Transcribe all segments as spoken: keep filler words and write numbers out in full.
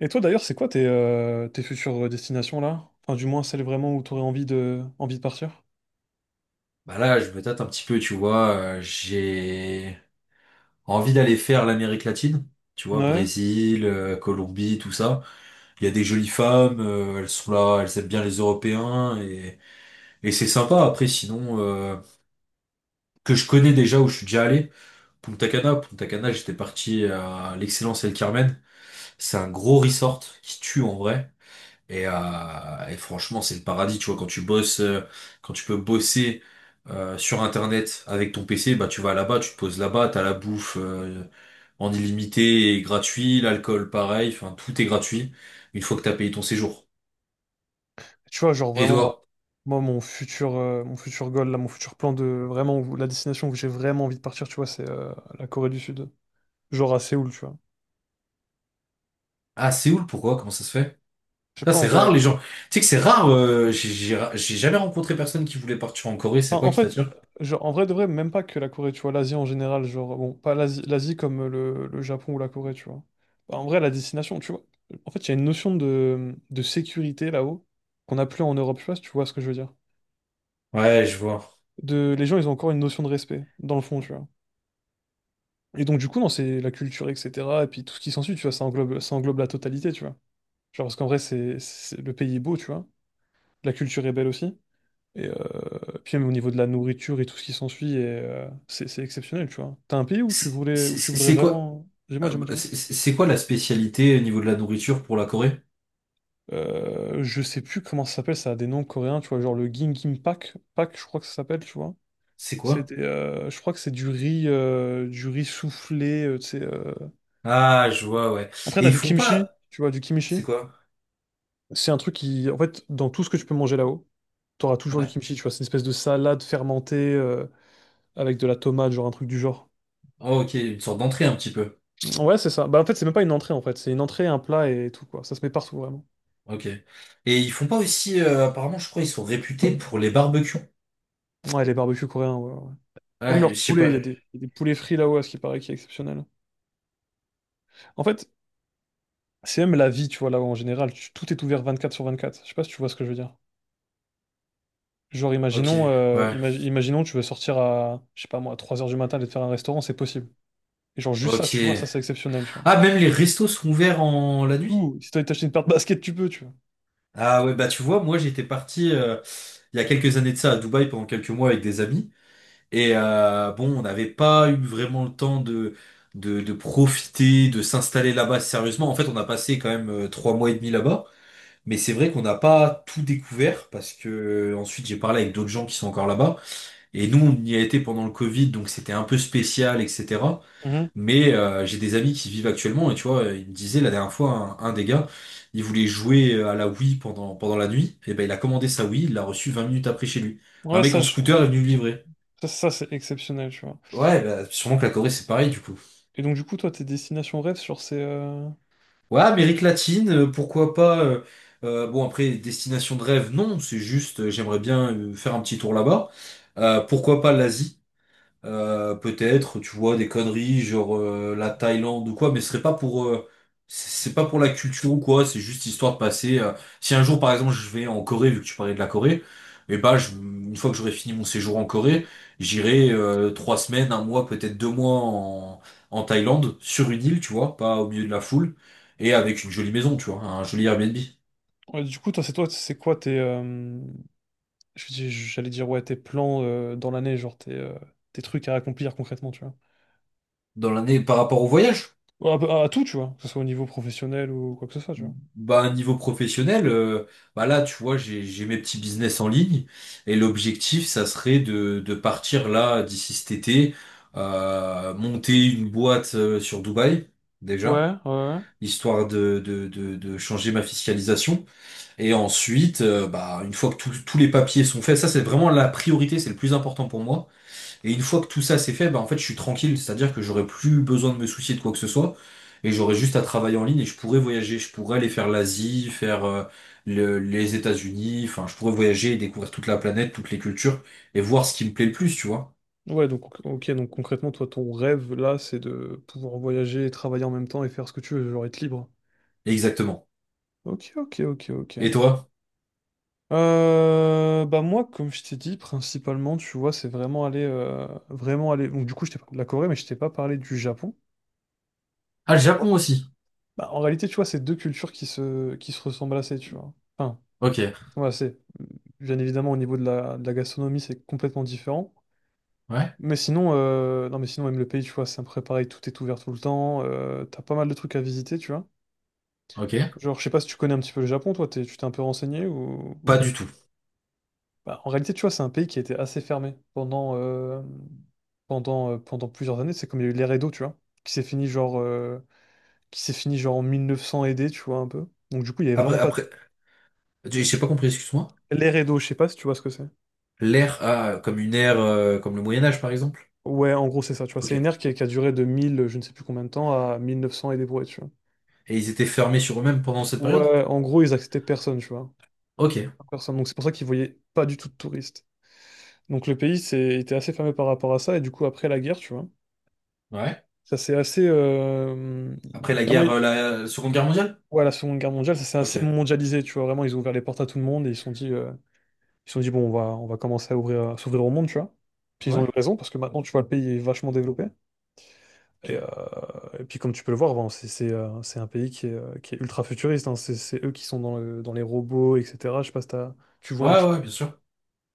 Et toi d'ailleurs, c'est quoi tes, euh, tes futures destinations là? Enfin, du moins celles vraiment où tu aurais envie de, envie de partir? Bah là, je me tâte un petit peu, tu vois. euh, j'ai envie d'aller faire l'Amérique latine, tu vois, Ouais. Brésil, euh, Colombie, tout ça. Il y a des jolies femmes, euh, elles sont là, elles aiment bien les Européens et, et c'est sympa. Après, sinon, euh, que je connais déjà où je suis déjà allé, Punta Cana. Punta Cana, j'étais parti à l'Excellence El Carmen. C'est un gros resort qui tue en vrai. Et, euh, et franchement, c'est le paradis, tu vois, quand tu bosses, euh, quand tu peux bosser euh, sur Internet avec ton P C, bah tu vas là-bas, tu te poses là-bas, t'as la bouffe euh, en illimité et gratuit, l'alcool pareil, enfin tout est gratuit une fois que t'as payé ton séjour. Tu vois, genre Et vraiment, moi, toi? moi, mon futur, euh, mon futur goal, là, mon futur plan de vraiment où- la destination où j'ai vraiment envie de partir, tu vois, c'est euh, la Corée du Sud. Genre à Séoul, tu vois. À Séoul, pourquoi? Comment ça se fait? Je sais Ça, pas en c'est vrai. rare les gens. Tu sais que c'est rare, euh, j'ai j'ai ra- j'ai jamais rencontré personne qui voulait partir en Corée, c'est Enfin, quoi en qui fait, t'attire? genre, en vrai de vrai, même pas que la Corée, tu vois, l'Asie en général, genre, bon, pas l'Asie, l'Asie comme euh, le, le Japon ou la Corée, tu vois. Bah, en vrai, la destination, tu vois. En fait, il y a une notion de, de sécurité là-haut qu'on n'a plus en Europe, je sais pas si tu vois ce que je veux dire. Ouais, je vois. De, les gens ils ont encore une notion de respect dans le fond, tu vois. Et donc, du coup, non, c'est la culture, etc. Et puis tout ce qui s'ensuit, tu vois, ça englobe ça englobe la totalité, tu vois. Genre parce qu'en vrai, c'est c'est- le pays est beau, tu vois, la culture est belle aussi, et euh, puis même au niveau de la nourriture et tout ce qui s'ensuit, et, euh, c'est c'est exceptionnel, tu vois. T'as un pays où tu C'est voulais c'est- où tu voudrais c'est quoi, vraiment, dis-moi, dis-moi, euh, dis-moi. c'est c'est quoi la spécialité au niveau de la nourriture pour la Corée? Euh, je sais plus comment ça s'appelle, ça a des noms coréens, tu vois, genre le Gimgimbap Pak, je crois que ça s'appelle, tu vois. C'est C'est quoi? des, euh, je crois que c'est du riz, euh, du riz soufflé, euh, tu sais. Ah, je vois, ouais. Après, Et t'as ils du font kimchi, pas... tu vois, du C'est kimchi. quoi? C'est un truc qui, en fait, dans tout ce que tu peux manger là-haut, t'auras toujours du Ouais. kimchi, tu vois. C'est une espèce de salade fermentée, euh, avec de la tomate, genre un truc du genre. Oh, ok, une sorte d'entrée un petit peu. Ouais, c'est ça. Bah, en fait, c'est même pas une entrée, en fait. C'est une entrée, un plat et tout, quoi. Ça se met partout, vraiment. Ok. Et ils font pas aussi... euh, apparemment, je crois, ils sont réputés pour les barbecues. Ouais, les barbecues coréens, ouais, ouais. Même Ouais, je leur sais poulet, pas. il y a des, il y a des poulets frits là-haut, à ce qui paraît, qui est exceptionnel. En fait, c'est même la vie, tu vois, là-haut, en général. Tu- tout est ouvert vingt-quatre sur vingt-quatre. Je sais pas si tu vois ce que je veux dire. Genre, Ok, imaginons, euh, ouais. imagi- imaginons, tu veux sortir à, je sais pas moi, à trois heures du matin, aller te faire un restaurant, c'est possible. Et genre, juste ça, tu vois, Ok. ça, c'est exceptionnel, tu vois. Ah, même les restos sont ouverts en la nuit? Ou, si t'as envie de t'acheter une paire de baskets, tu peux, tu vois. Ah ouais, bah tu vois, moi j'étais parti euh, il y a quelques années de ça à Dubaï pendant quelques mois avec des amis. Et euh, bon, on n'avait pas eu vraiment le temps de, de, de profiter, de s'installer là-bas sérieusement. En fait, on a passé quand même euh, trois mois et demi là-bas. Mais c'est vrai qu'on n'a pas tout découvert parce que euh, ensuite j'ai parlé avec d'autres gens qui sont encore là-bas. Et nous, on y a été pendant le Covid, donc c'était un peu spécial, et cetera. Mhm. Mais euh, j'ai des amis qui vivent actuellement et tu vois, il me disait la dernière fois, un, un des gars, il voulait jouer à la Wii pendant, pendant la nuit. Et ben il a commandé sa Wii, il l'a reçue vingt minutes après chez lui. Un Ouais, mec ça, en je- scooter est venu le livrer. ça, ça, c'est exceptionnel, tu vois. Ouais, bah, sûrement que la Corée c'est pareil du coup. Et donc, du coup, toi, tes destinations rêves, genre, c'est. Euh, Ouais, Amérique latine, euh, pourquoi pas. euh, euh, bon, après, destination de rêve, non, c'est juste, euh, j'aimerais bien euh, faire un petit tour là-bas. Euh, pourquoi pas l'Asie? Euh, peut-être, tu vois, des conneries, genre euh, la Thaïlande ou quoi, mais ce serait pas pour, euh, c'est c'est pas pour la culture ou quoi, c'est juste histoire de passer. euh, si un jour, par exemple, je vais en Corée, vu que tu parlais de la Corée, et bah, je- une fois que j'aurai fini mon séjour en Corée, j'irai euh, trois semaines, un mois, peut-être deux mois en, en Thaïlande, sur une île, tu vois, pas au milieu de la foule, et avec une jolie maison, tu vois, un joli Airbnb ouais, du coup, toi, c'est toi, c'est quoi tes. euh, je dis- j'allais dire, ouais, tes plans, euh, dans l'année, genre, tes, euh, tes trucs à accomplir concrètement, tu vois. dans l'année par rapport au voyage. Ouais, À, peu- à tout, tu vois, que ce soit au niveau professionnel ou quoi que ce soit, tu vois. Bah, niveau professionnel, euh, bah là, tu vois, j'ai, j'ai mes petits business en ligne et l'objectif, ça serait de, de partir là d'ici cet été, euh, monter une boîte euh, sur Dubaï, Ouais, déjà, ouais. histoire de, de, de, de changer ma fiscalisation. Et ensuite, euh, bah, une fois que tous tous les papiers sont faits, ça, c'est vraiment la priorité, c'est le plus important pour moi. Et une fois que tout ça c'est fait, bah en fait je suis tranquille, c'est-à-dire que j'aurais plus besoin de me soucier de quoi que ce soit, et j'aurais juste à travailler en ligne et je pourrais voyager, je pourrais aller faire l'Asie, faire euh, le- les États-Unis, enfin je pourrais voyager et découvrir toute la planète, toutes les cultures, et voir ce qui me plaît le plus, tu vois. Ouais, donc, ok, donc concrètement, toi, ton rêve, là, c'est de pouvoir voyager, travailler en même temps et faire ce que tu veux, genre, être libre. Exactement. Ok, ok, ok, ok. Et toi? Euh, bah moi, comme je t'ai dit, principalement, tu vois, c'est vraiment aller, euh, vraiment aller. Donc du coup, je t'ai parlé de la Corée, mais je t'ai pas parlé du Japon. Ah, le Japon aussi. Bah, en réalité, tu vois, c'est deux cultures qui se, qui se ressemblent assez, tu vois. Enfin, Ok. voilà, c'est bien évidemment au niveau de la, de la gastronomie, c'est complètement différent. Ouais. Mais sinon, euh, non, mais sinon, même le pays, tu vois, c'est un peu pareil, tout est ouvert tout le temps. Euh, t'as pas mal de trucs à visiter, tu vois. Ok. Genre, je sais pas si tu connais un petit peu le Japon, toi, t'es- tu t'es un peu renseigné, ou, ou Pas pas. du tout. Bah, en réalité, tu vois, c'est un pays qui était assez fermé pendant, euh, pendant, euh, pendant plusieurs années. C'est comme il y a eu l'ère Edo, tu vois, qui s'est fini genre, euh, qui s'est fini genre en mille neuf cents aidé, tu vois, un peu. Donc, du coup, il y avait Après, vraiment pas de- après, j'ai j'ai pas compris, excuse-moi. l'ère Edo, je sais pas si tu vois ce que c'est. L'ère, ah, comme une ère, euh, comme le Moyen Âge par exemple. Ouais, en gros, c'est ça, tu vois. Ok. C'est une Et ère qui, qui a duré de mille, je ne sais plus combien de temps, à mille neuf cents et des brouettes, tu vois. ils étaient fermés sur eux-mêmes pendant cette période? Ouais, en gros, ils acceptaient personne, tu vois. Ok. Personne. Donc, c'est pour ça qu'ils voyaient pas du tout de touristes. Donc, le pays c'est- était assez fermé par rapport à ça. Et du coup, après la guerre, tu vois, Ouais. ça, c'est assez. euh, Après la Vraiment. guerre, euh, la Seconde Guerre mondiale? Ouais, la Seconde Guerre mondiale, ça s'est assez Ok. mondialisé, tu vois. Vraiment, ils ont ouvert les portes à tout le monde et ils se sont dit, euh, ils se sont dit bon, on va, on va commencer à ouvrir, à s'ouvrir au monde, tu vois. Puis ils ont eu Ouais. raison parce que maintenant, tu vois, le pays est vachement développé. Et, euh, Ok. et puis, comme tu peux le voir, bon, c'est c'est, euh, c'est un pays qui est, euh, qui est ultra futuriste, hein. C'est c'est eux qui sont dans le- dans les robots, et cetera. Je sais pas si t'as- tu vois un Ouais, petit peu. ouais, bien sûr.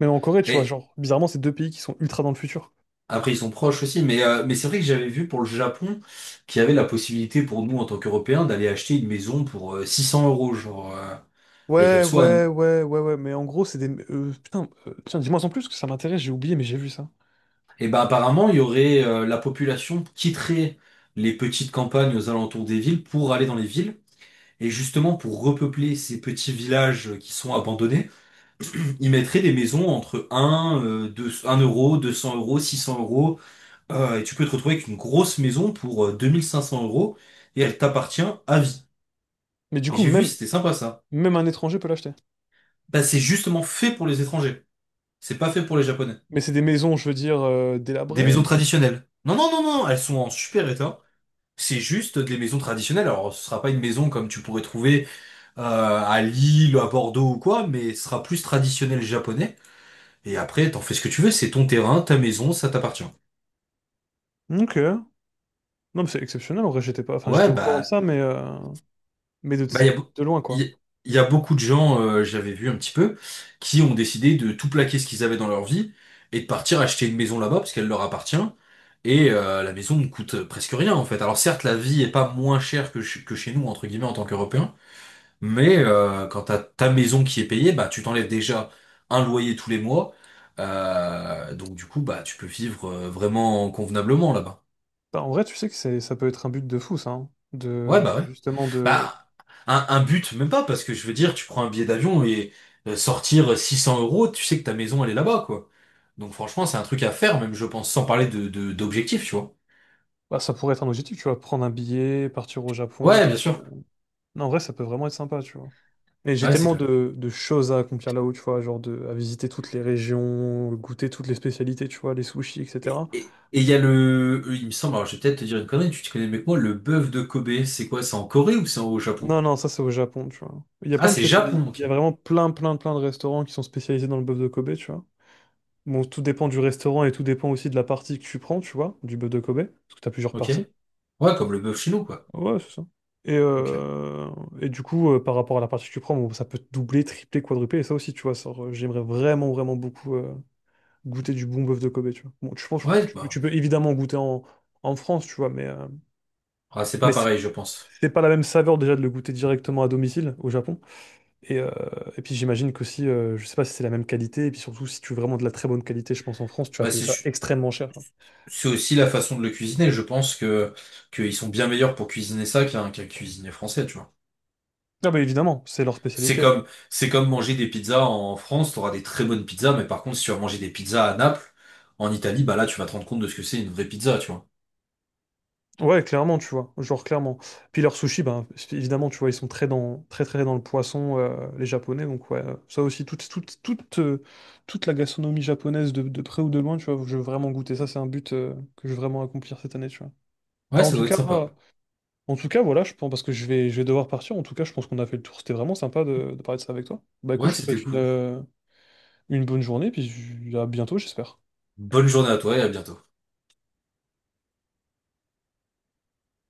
Même en Corée, tu vois, Et genre, bizarrement, c'est deux pays qui sont ultra dans le futur. après, ils sont proches aussi, mais, euh, mais c'est vrai que j'avais vu pour le Japon qu'il y avait la possibilité pour nous, en tant qu'Européens, d'aller acheter une maison pour euh, six cents euros, genre, euh, et qu'elle Ouais, soit à nous. ouais, ouais, ouais, ouais, mais en gros, c'est des... euh, putain, euh, tiens, dis-moi en plus, parce que ça m'intéresse, j'ai oublié, mais j'ai vu ça. Et ben apparemment, il y aurait euh, la population quitterait les petites campagnes aux alentours des villes pour aller dans les villes. Et justement, pour repeupler ces petits villages qui sont abandonnés, ils mettraient des maisons entre un, euh, deux, un euro, deux cents euros, six cents euros. Euh, et tu peux te retrouver avec une grosse maison pour euh, deux mille cinq cents euros et elle t'appartient à vie. Mais du Et coup, j'ai vu, même, c'était sympa ça. même un étranger peut l'acheter. Bah, c'est justement fait pour les étrangers. C'est pas fait pour les Japonais. Mais c'est des maisons, je veux dire, euh, Des maisons délabrées. traditionnelles. Non, non, non, non, elles sont en super état. C'est juste des maisons traditionnelles. Alors, ce sera pas une maison comme tu pourrais trouver euh, à Lille, à Bordeaux ou quoi, mais ce sera plus traditionnel japonais. Et après, t'en fais ce que tu veux, c'est ton terrain, ta maison, ça t'appartient. Ok. Non, mais c'est exceptionnel. En vrai, j'étais pas. Enfin, Ouais, j'étais au courant de bah ça, mais, euh, mais de, Bah, il y a, beau- de loin, il quoi. y- il y a beaucoup de gens, euh, j'avais vu un petit peu, qui ont décidé de tout plaquer ce qu'ils avaient dans leur vie et de partir acheter une maison là-bas parce qu'elle leur appartient. Et euh, la maison ne coûte presque rien en fait. Alors certes, la vie est pas moins chère que, ch- que chez nous, entre guillemets, en tant qu'Européens, mais euh, quand t'as ta maison qui est payée, bah tu t'enlèves déjà un loyer tous les mois. Euh, donc du coup, bah tu peux vivre euh, vraiment convenablement là-bas. Bah, en vrai, tu sais que c'est, ça peut être un but de fou, ça, hein. Ouais, De, bah de- ouais. justement de. Bah, un, un but, même pas, parce que je veux dire, tu prends un billet d'avion et euh, sortir six cents euros, tu sais que ta maison, elle est là-bas, quoi. Donc franchement, c'est un truc à faire, même je pense, sans parler de, de, d'objectif, tu vois. Bah, ça pourrait être un objectif, tu vois. Prendre un billet, partir au Japon, Ouais, bien t'achètes. sûr. Non, en vrai, ça peut vraiment être sympa, tu vois. Et j'ai Ouais, c'est tellement clair. de, de choses à accomplir là-haut, tu vois, genre de, à visiter toutes les régions, goûter toutes les spécialités, tu vois, les sushis, Et et cetera. et- et il y a le, il me semble, alors je vais peut-être te dire une connerie, tu te connais mieux que moi, le bœuf de Kobe, c'est quoi? C'est en Corée ou c'est au Japon? Non, non, ça, c'est au Japon, tu vois. Il y a Ah, plein de c'est spécialités. Japon, Il y ok. a vraiment plein, plein, plein de restaurants qui sont spécialisés dans le bœuf de Kobe, tu vois. Bon, tout dépend du restaurant et tout dépend aussi de la partie que tu prends, tu vois, du bœuf de Kobe, parce que t'as plusieurs Ok. parties. Ouais, comme le bœuf chez nous, quoi. Ouais, c'est ça. Et, Ok. euh, et du coup, euh, par rapport à la partie que tu prends, bon, ça peut te doubler, tripler, quadrupler, et ça aussi, tu vois, ça, euh, j'aimerais vraiment, vraiment beaucoup euh, goûter du bon bœuf de Kobe, tu vois. Bon, tu penses, Ouais, tu, peux bah, tu peux évidemment goûter en, en France, tu vois, mais, euh, ah, c'est pas mais c'est pareil, je pense. c'est pas la même saveur déjà de le goûter directement à domicile au Japon. Et, euh, et puis, j'imagine qu'aussi, euh, je sais pas si c'est la même qualité, et puis surtout, si tu veux vraiment de la très bonne qualité, je pense, en France, tu vas Bah, payer c'est, ça extrêmement cher. C'est aussi la façon de le cuisiner. Je pense que qu'ils sont bien meilleurs pour cuisiner ça qu'un qu'un cuisinier français, tu vois. Ah bah évidemment, c'est leur C'est spécialité. comme c'est comme manger des pizzas en France, t'auras des très bonnes pizzas, mais par contre, si tu vas manger des pizzas à Naples, en Italie, bah là, tu vas te rendre compte de ce que c'est une vraie pizza, tu vois. Ouais, clairement, tu vois, genre clairement. Puis leurs sushis, ben évidemment, tu vois, ils sont très dans, très très dans le poisson, euh, les Japonais. Donc ouais, euh, ça aussi, toute toute toute euh, toute la gastronomie japonaise de, de près ou de loin, tu vois, je veux vraiment goûter. Ça, c'est un but euh, que je veux vraiment accomplir cette année, tu vois. Ouais, Enfin, en ça tout doit être cas, sympa. moi- en tout cas, voilà, je pense, parce que je vais je vais devoir partir. En tout cas, je pense qu'on a fait le tour. C'était vraiment sympa de, de parler de ça avec toi. Bah écoute, Ouais, je te c'était souhaite une cool. euh, une bonne journée, puis je- à bientôt, j'espère. Bonne journée à toi et à bientôt.